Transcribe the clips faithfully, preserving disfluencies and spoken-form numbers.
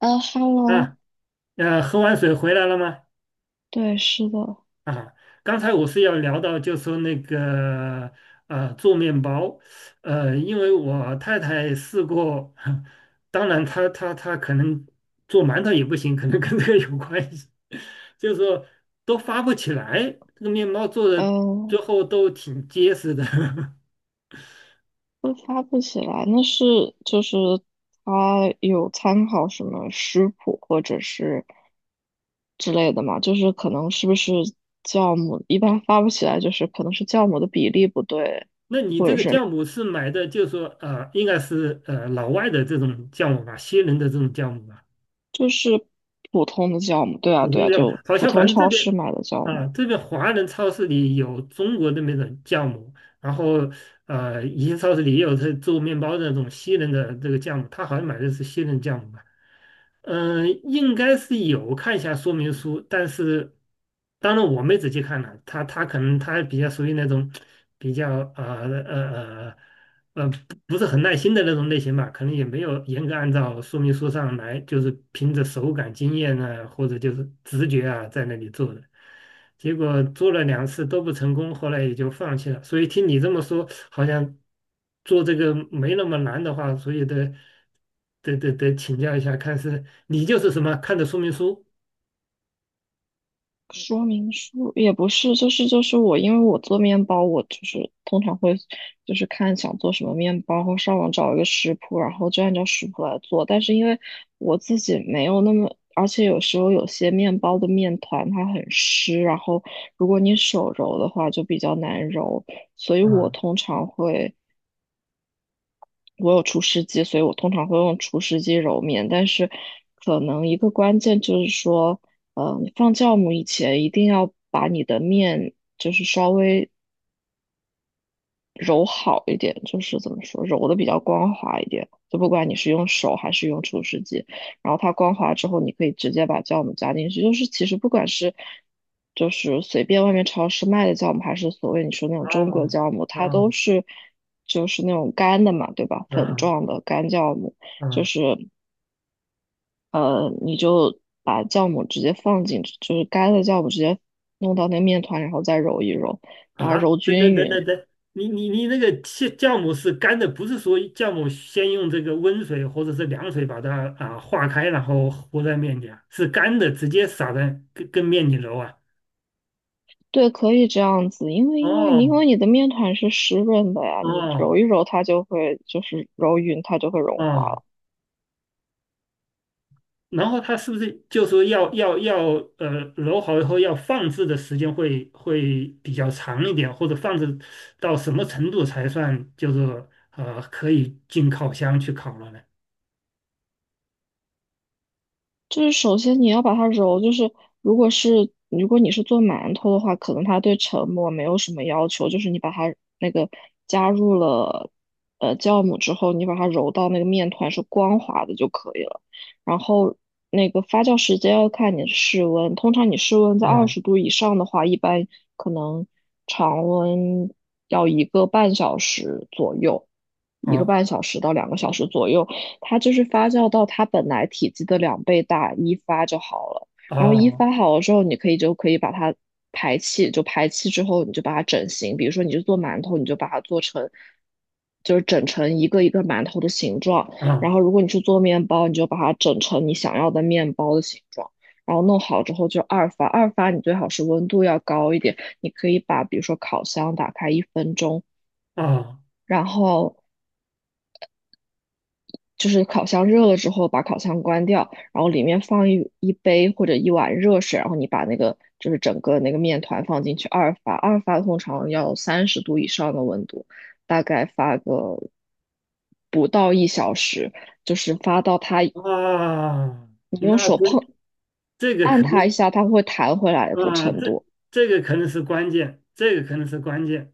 呃，Hello。啊，呃，喝完水回来了吗？对，是的。啊，刚才我是要聊到，就说那个呃做面包。呃，因为我太太试过，当然她她她可能做馒头也不行，可能跟这个有关系，就是说都发不起来，这个面包做的呃，最后都挺结实的。会发不起来，那是就是他有参考什么食谱或者是之类的嘛，就是可能是不是酵母一般发不起来，就是可能是酵母的比例不对，那你或这者个是酵母是买的，就是说呃，应该是呃老外的这种酵母吧，西人的这种酵母吧？就是普通的酵母。对啊普通对啊，酵母，就好普像反通正这超边市买的酵母。啊，这边华人超市里有中国的那种的酵母。然后呃，一些超市里也有这做面包的那种西人的这个酵母，他好像买的是西人酵母吧。嗯，应该是有看一下说明书，但是当然我没仔细看了，他他可能他比较属于那种比较呃呃呃呃不不是很耐心的那种类型吧，可能也没有严格按照说明书上来，就是凭着手感经验呢，或者就是直觉啊，在那里做的。结果做了两次都不成功，后来也就放弃了。所以听你这么说，好像做这个没那么难的话，所以得得得得请教一下，看是你就是什么看的说明书。说明书也不是，就是就是我。因为我做面包，我就是通常会就是看想做什么面包，然后上网找一个食谱，然后就按照食谱来做。但是因为我自己没有那么，而且有时候有些面包的面团它很湿，然后如果你手揉的话就比较难揉，所以我啊通常会。我有除湿机，所以我通常会用除湿机揉面。但是，可能一个关键就是说，呃，你放酵母以前一定要把你的面就是稍微揉好一点，就是怎么说，揉的比较光滑一点。就不管你是用手还是用厨师机，然后它光滑之后，你可以直接把酵母加进去。就是其实不管是就是随便外面超市卖的酵母，还是所谓你说那种中国啊酵母，它都啊是就是那种干的嘛，对吧？粉啊状的干酵母，就啊是呃，你就把酵母直接放进去，就是干的酵母直接弄到那个面团，然后再揉一揉，把它啊！揉等等均等匀。等等，你你你那个酵酵母是干的，不是说酵母先用这个温水或者是凉水把它啊化开，然后和在面里啊，是干的，直接撒在跟跟面里揉啊。对，可以这样子，因为因为因哦为你的面团是湿润的呀，你哦揉一揉它就会就是揉匀，它就会融化哦，了。然后它是不是就说要要要呃揉好以后要放置的时间会会比较长一点，或者放置到什么程度才算就是呃可以进烤箱去烤了呢？就是首先你要把它揉，就是如果是如果你是做馒头的话，可能它对成膜没有什么要求，就是你把它那个加入了呃酵母之后，你把它揉到那个面团是光滑的就可以了。然后那个发酵时间要看你的室温，通常你室温在二啊十度以上的话，一般可能常温要一个半小时左右，一个啊半小时到两个小时左右。它就是发酵到它本来体积的两倍大，一发就好了。然后一哦发好了之后，你可以就可以把它排气，就排气之后你就把它整形，比如说你就做馒头，你就把它做成，就是整成一个一个馒头的形状。啊然后如果你是做面包，你就把它整成你想要的面包的形状。然后弄好之后就二发，二发你最好是温度要高一点，你可以把比如说烤箱打开一分钟，啊然后就是烤箱热了之后，把烤箱关掉，然后里面放一一杯或者一碗热水，然后你把那个就是整个那个面团放进去二发，二发通常要三十度以上的温度，大概发个不到一小时，就是发到它你啊！用那手这碰这个按可能它一下，它会弹回来的啊，程这度。这个可能是关键，这个可能是关键。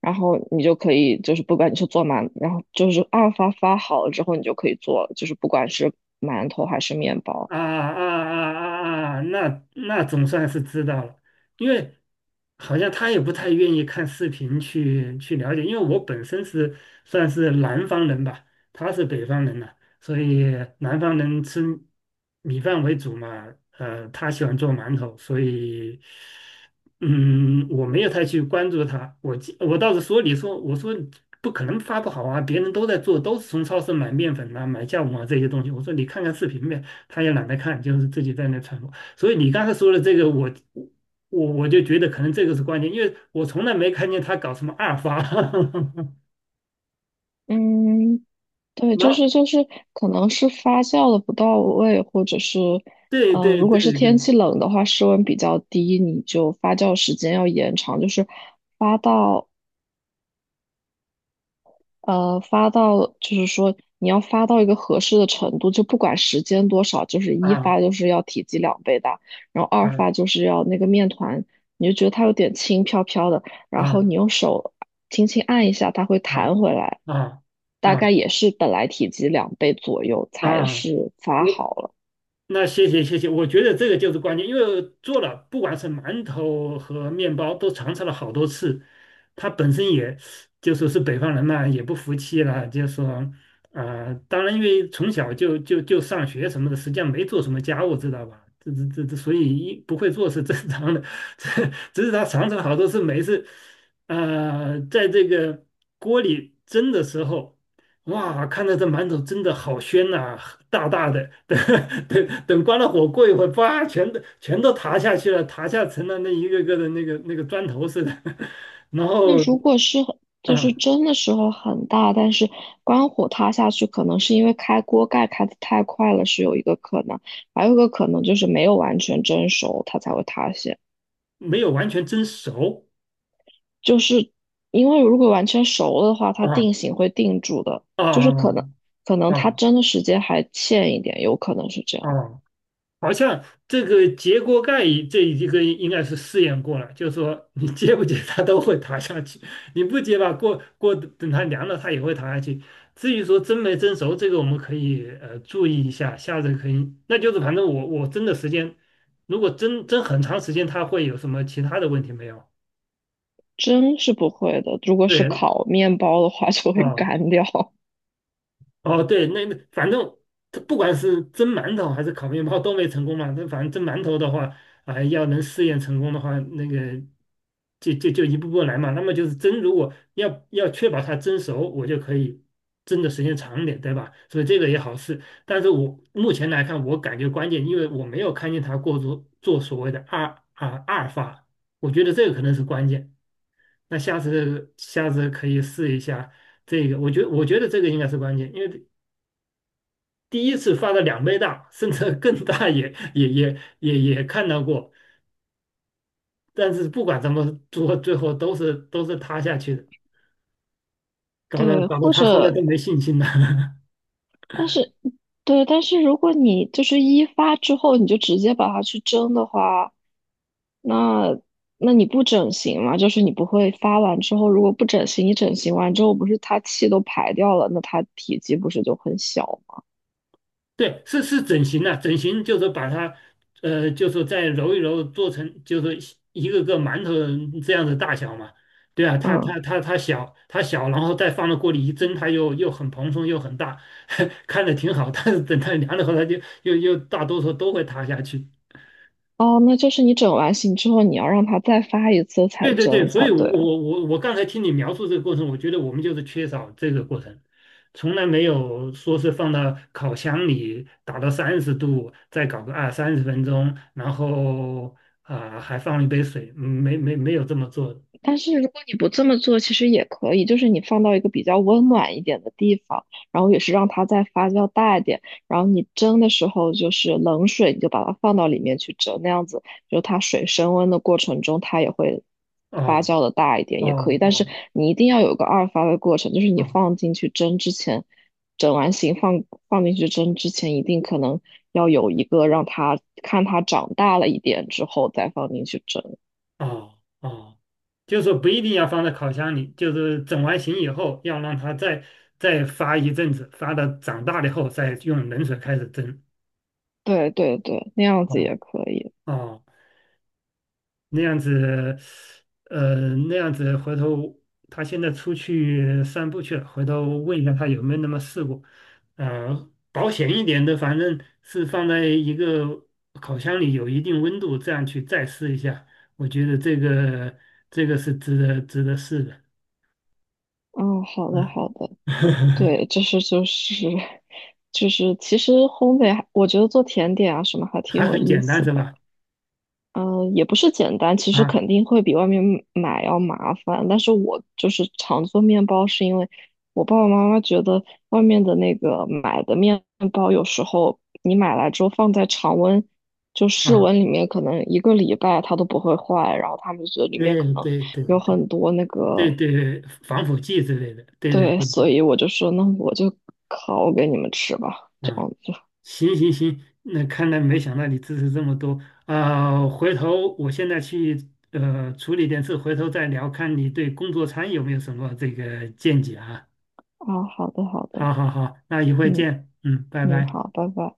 然后你就可以，就是不管你是做馒，然后就是二发发好了之后，你就可以做，就是不管是馒头还是面包。啊啊啊啊啊！那那总算是知道了。因为好像他也不太愿意看视频去去了解，因为我本身是算是南方人吧，他是北方人呐，所以南方人吃米饭为主嘛。呃，他喜欢做馒头，所以嗯，我没有太去关注他。我记我倒是说，你说我说不可能发不好啊，别人都在做，都是从超市买面粉啊，买酵母啊这些东西。我说你看看视频呗，他也懒得看，就是自己在那传播。所以你刚才说的这个，我我我就觉得可能这个是关键，因为我从来没看见他搞什么二发。嗯，对，然就后，是就是，可能是发酵的不到位，或者是，对呃，对如果是对天对，气冷的话，室温比较低，你就发酵时间要延长，就是发到呃发到，就是说你要发到一个合适的程度，就不管时间多少，就是一啊发就是要体积两倍大，然后二啊发就是要那个面团，你就觉得它有点轻飘飘的，然后啊你用手轻轻按一下，它会啊弹回来。啊大啊！概也是本来体积两倍左右才啊，是发我好了。那谢谢谢谢，我觉得这个就是关键，因为做了不管是馒头和面包都尝试了好多次。他本身也就说是北方人嘛，也不服气了，就说呃，当然因为从小就就就上学什么的，实际上没做什么家务，知道吧？这这这这，所以一不会做是正常的，这只是他尝试了好多次，每一次呃，在这个锅里蒸的时候，哇，看着这馒头真的好鲜呐，大大的。等等等，关了火过一会儿，叭，全都全都塌下去了，塌下成了那一个个的那个那个砖头似的。然那后如果是很就是啊，蒸的时候很大，但是关火塌下去，可能是因为开锅盖开的太快了，是有一个可能，还有一个可能就是没有完全蒸熟，它才会塌陷。没有完全蒸熟。就是因为如果完全熟了的话，它定型会定住的，啊就是可能啊可能啊它啊！蒸的时间还欠一点，有可能是这啊，样。好像这个揭锅盖一这一个应该是试验过了，就是说你揭不揭它都会塌下去，你不揭吧，过过等它凉了它也会塌下去。至于说蒸没蒸熟，这个我们可以呃注意一下，下次可以。那就是反正我我蒸的时间，如果蒸蒸很长时间，它会有什么其他的问题没有？蒸是不会的，如果是对。烤面包的话就会 啊。干掉。哦，对，那那反正它不管是蒸馒头还是烤面包都没成功嘛。那反正蒸馒头的话，啊，要能试验成功的话，那个就就就一步步来嘛。那么就是蒸，如果要要确保它蒸熟，我就可以蒸的时间长一点，对吧？所以这个也好试。但是我目前来看，我感觉关键，因为我没有看见它过做做所谓的二啊二发，我觉得这个可能是关键。那下次下次可以试一下。这个我觉我觉得这个应该是关键，因为第一次发的两倍大，甚至更大也也也也也看到过。但是不管怎么做，最后都是都是塌下去的，搞得对，搞得或他后来者，都没信心了。但是，对，但是如果你就是一发之后你就直接把它去蒸的话，那那你不整形嘛？就是你不会发完之后，如果不整形，你整形完之后不是它气都排掉了，那它体积不是就很小吗？对，是是整形了，整形就是把它，呃，就是再揉一揉，做成就是一个个馒头这样的大小嘛。对啊，它它嗯，它它小，它小，然后再放到锅里一蒸，它又又很蓬松又很大，看着挺好。但是等它凉了后，它就又又大多数都会塌下去。哦，那就是你整完形之后，你要让它再发一次才对对对，蒸所才以我对。我我我刚才听你描述这个过程，我觉得我们就是缺少这个过程。从来没有说是放到烤箱里打到三十度，再搞个二三十分钟，然后啊，还放一杯水，嗯没没没有这么做的。但是如果你不这么做，其实也可以，就是你放到一个比较温暖一点的地方，然后也是让它再发酵大一点，然后你蒸的时候就是冷水，你就把它放到里面去蒸，那样子就它水升温的过程中，它也会发哦酵的大一点，也可以。哦但是哦你一定要有个二发的过程，就是你哦放进去蒸之前，整完形放放进去蒸之前，一定可能要有一个让它看它长大了一点之后再放进去蒸。哦哦，就是说不一定要放在烤箱里，就是整完形以后要让它再再发一阵子，发到长大了以后再用冷水开始蒸。对对对，那样子哦也可以。哦。那样子，呃，那样子回头他现在出去散步去了，回头问一下他有没有那么试过。呃，保险一点的，反正是放在一个烤箱里有一定温度，这样去再试一下。我觉得这个这个是值得值得试的。嗯，好的嗯，好的。对，就是就是 就是，其实烘焙还，我觉得做甜点啊什么还挺还有很意简单思是的。吧？嗯，也不是简单，其实啊肯定会比外面买要麻烦。但是我就是常做面包，是因为我爸爸妈妈觉得外面的那个买的面包，有时候你买来之后放在常温，就室啊，温里面，可能一个礼拜它都不会坏。然后他们觉得里面对可能对对有很多那个对对，防腐剂之类的，对对对，对对，所以我就说，那我就烤给你们吃吧，这啊。样子。行行行，那看来没想到你支持这么多啊。回头我现在去呃处理点事，回头再聊，看你对工作餐有没有什么这个见解啊。啊，好的，好的。好好好，那一会嗯见，嗯，拜嗯，拜。好，拜拜。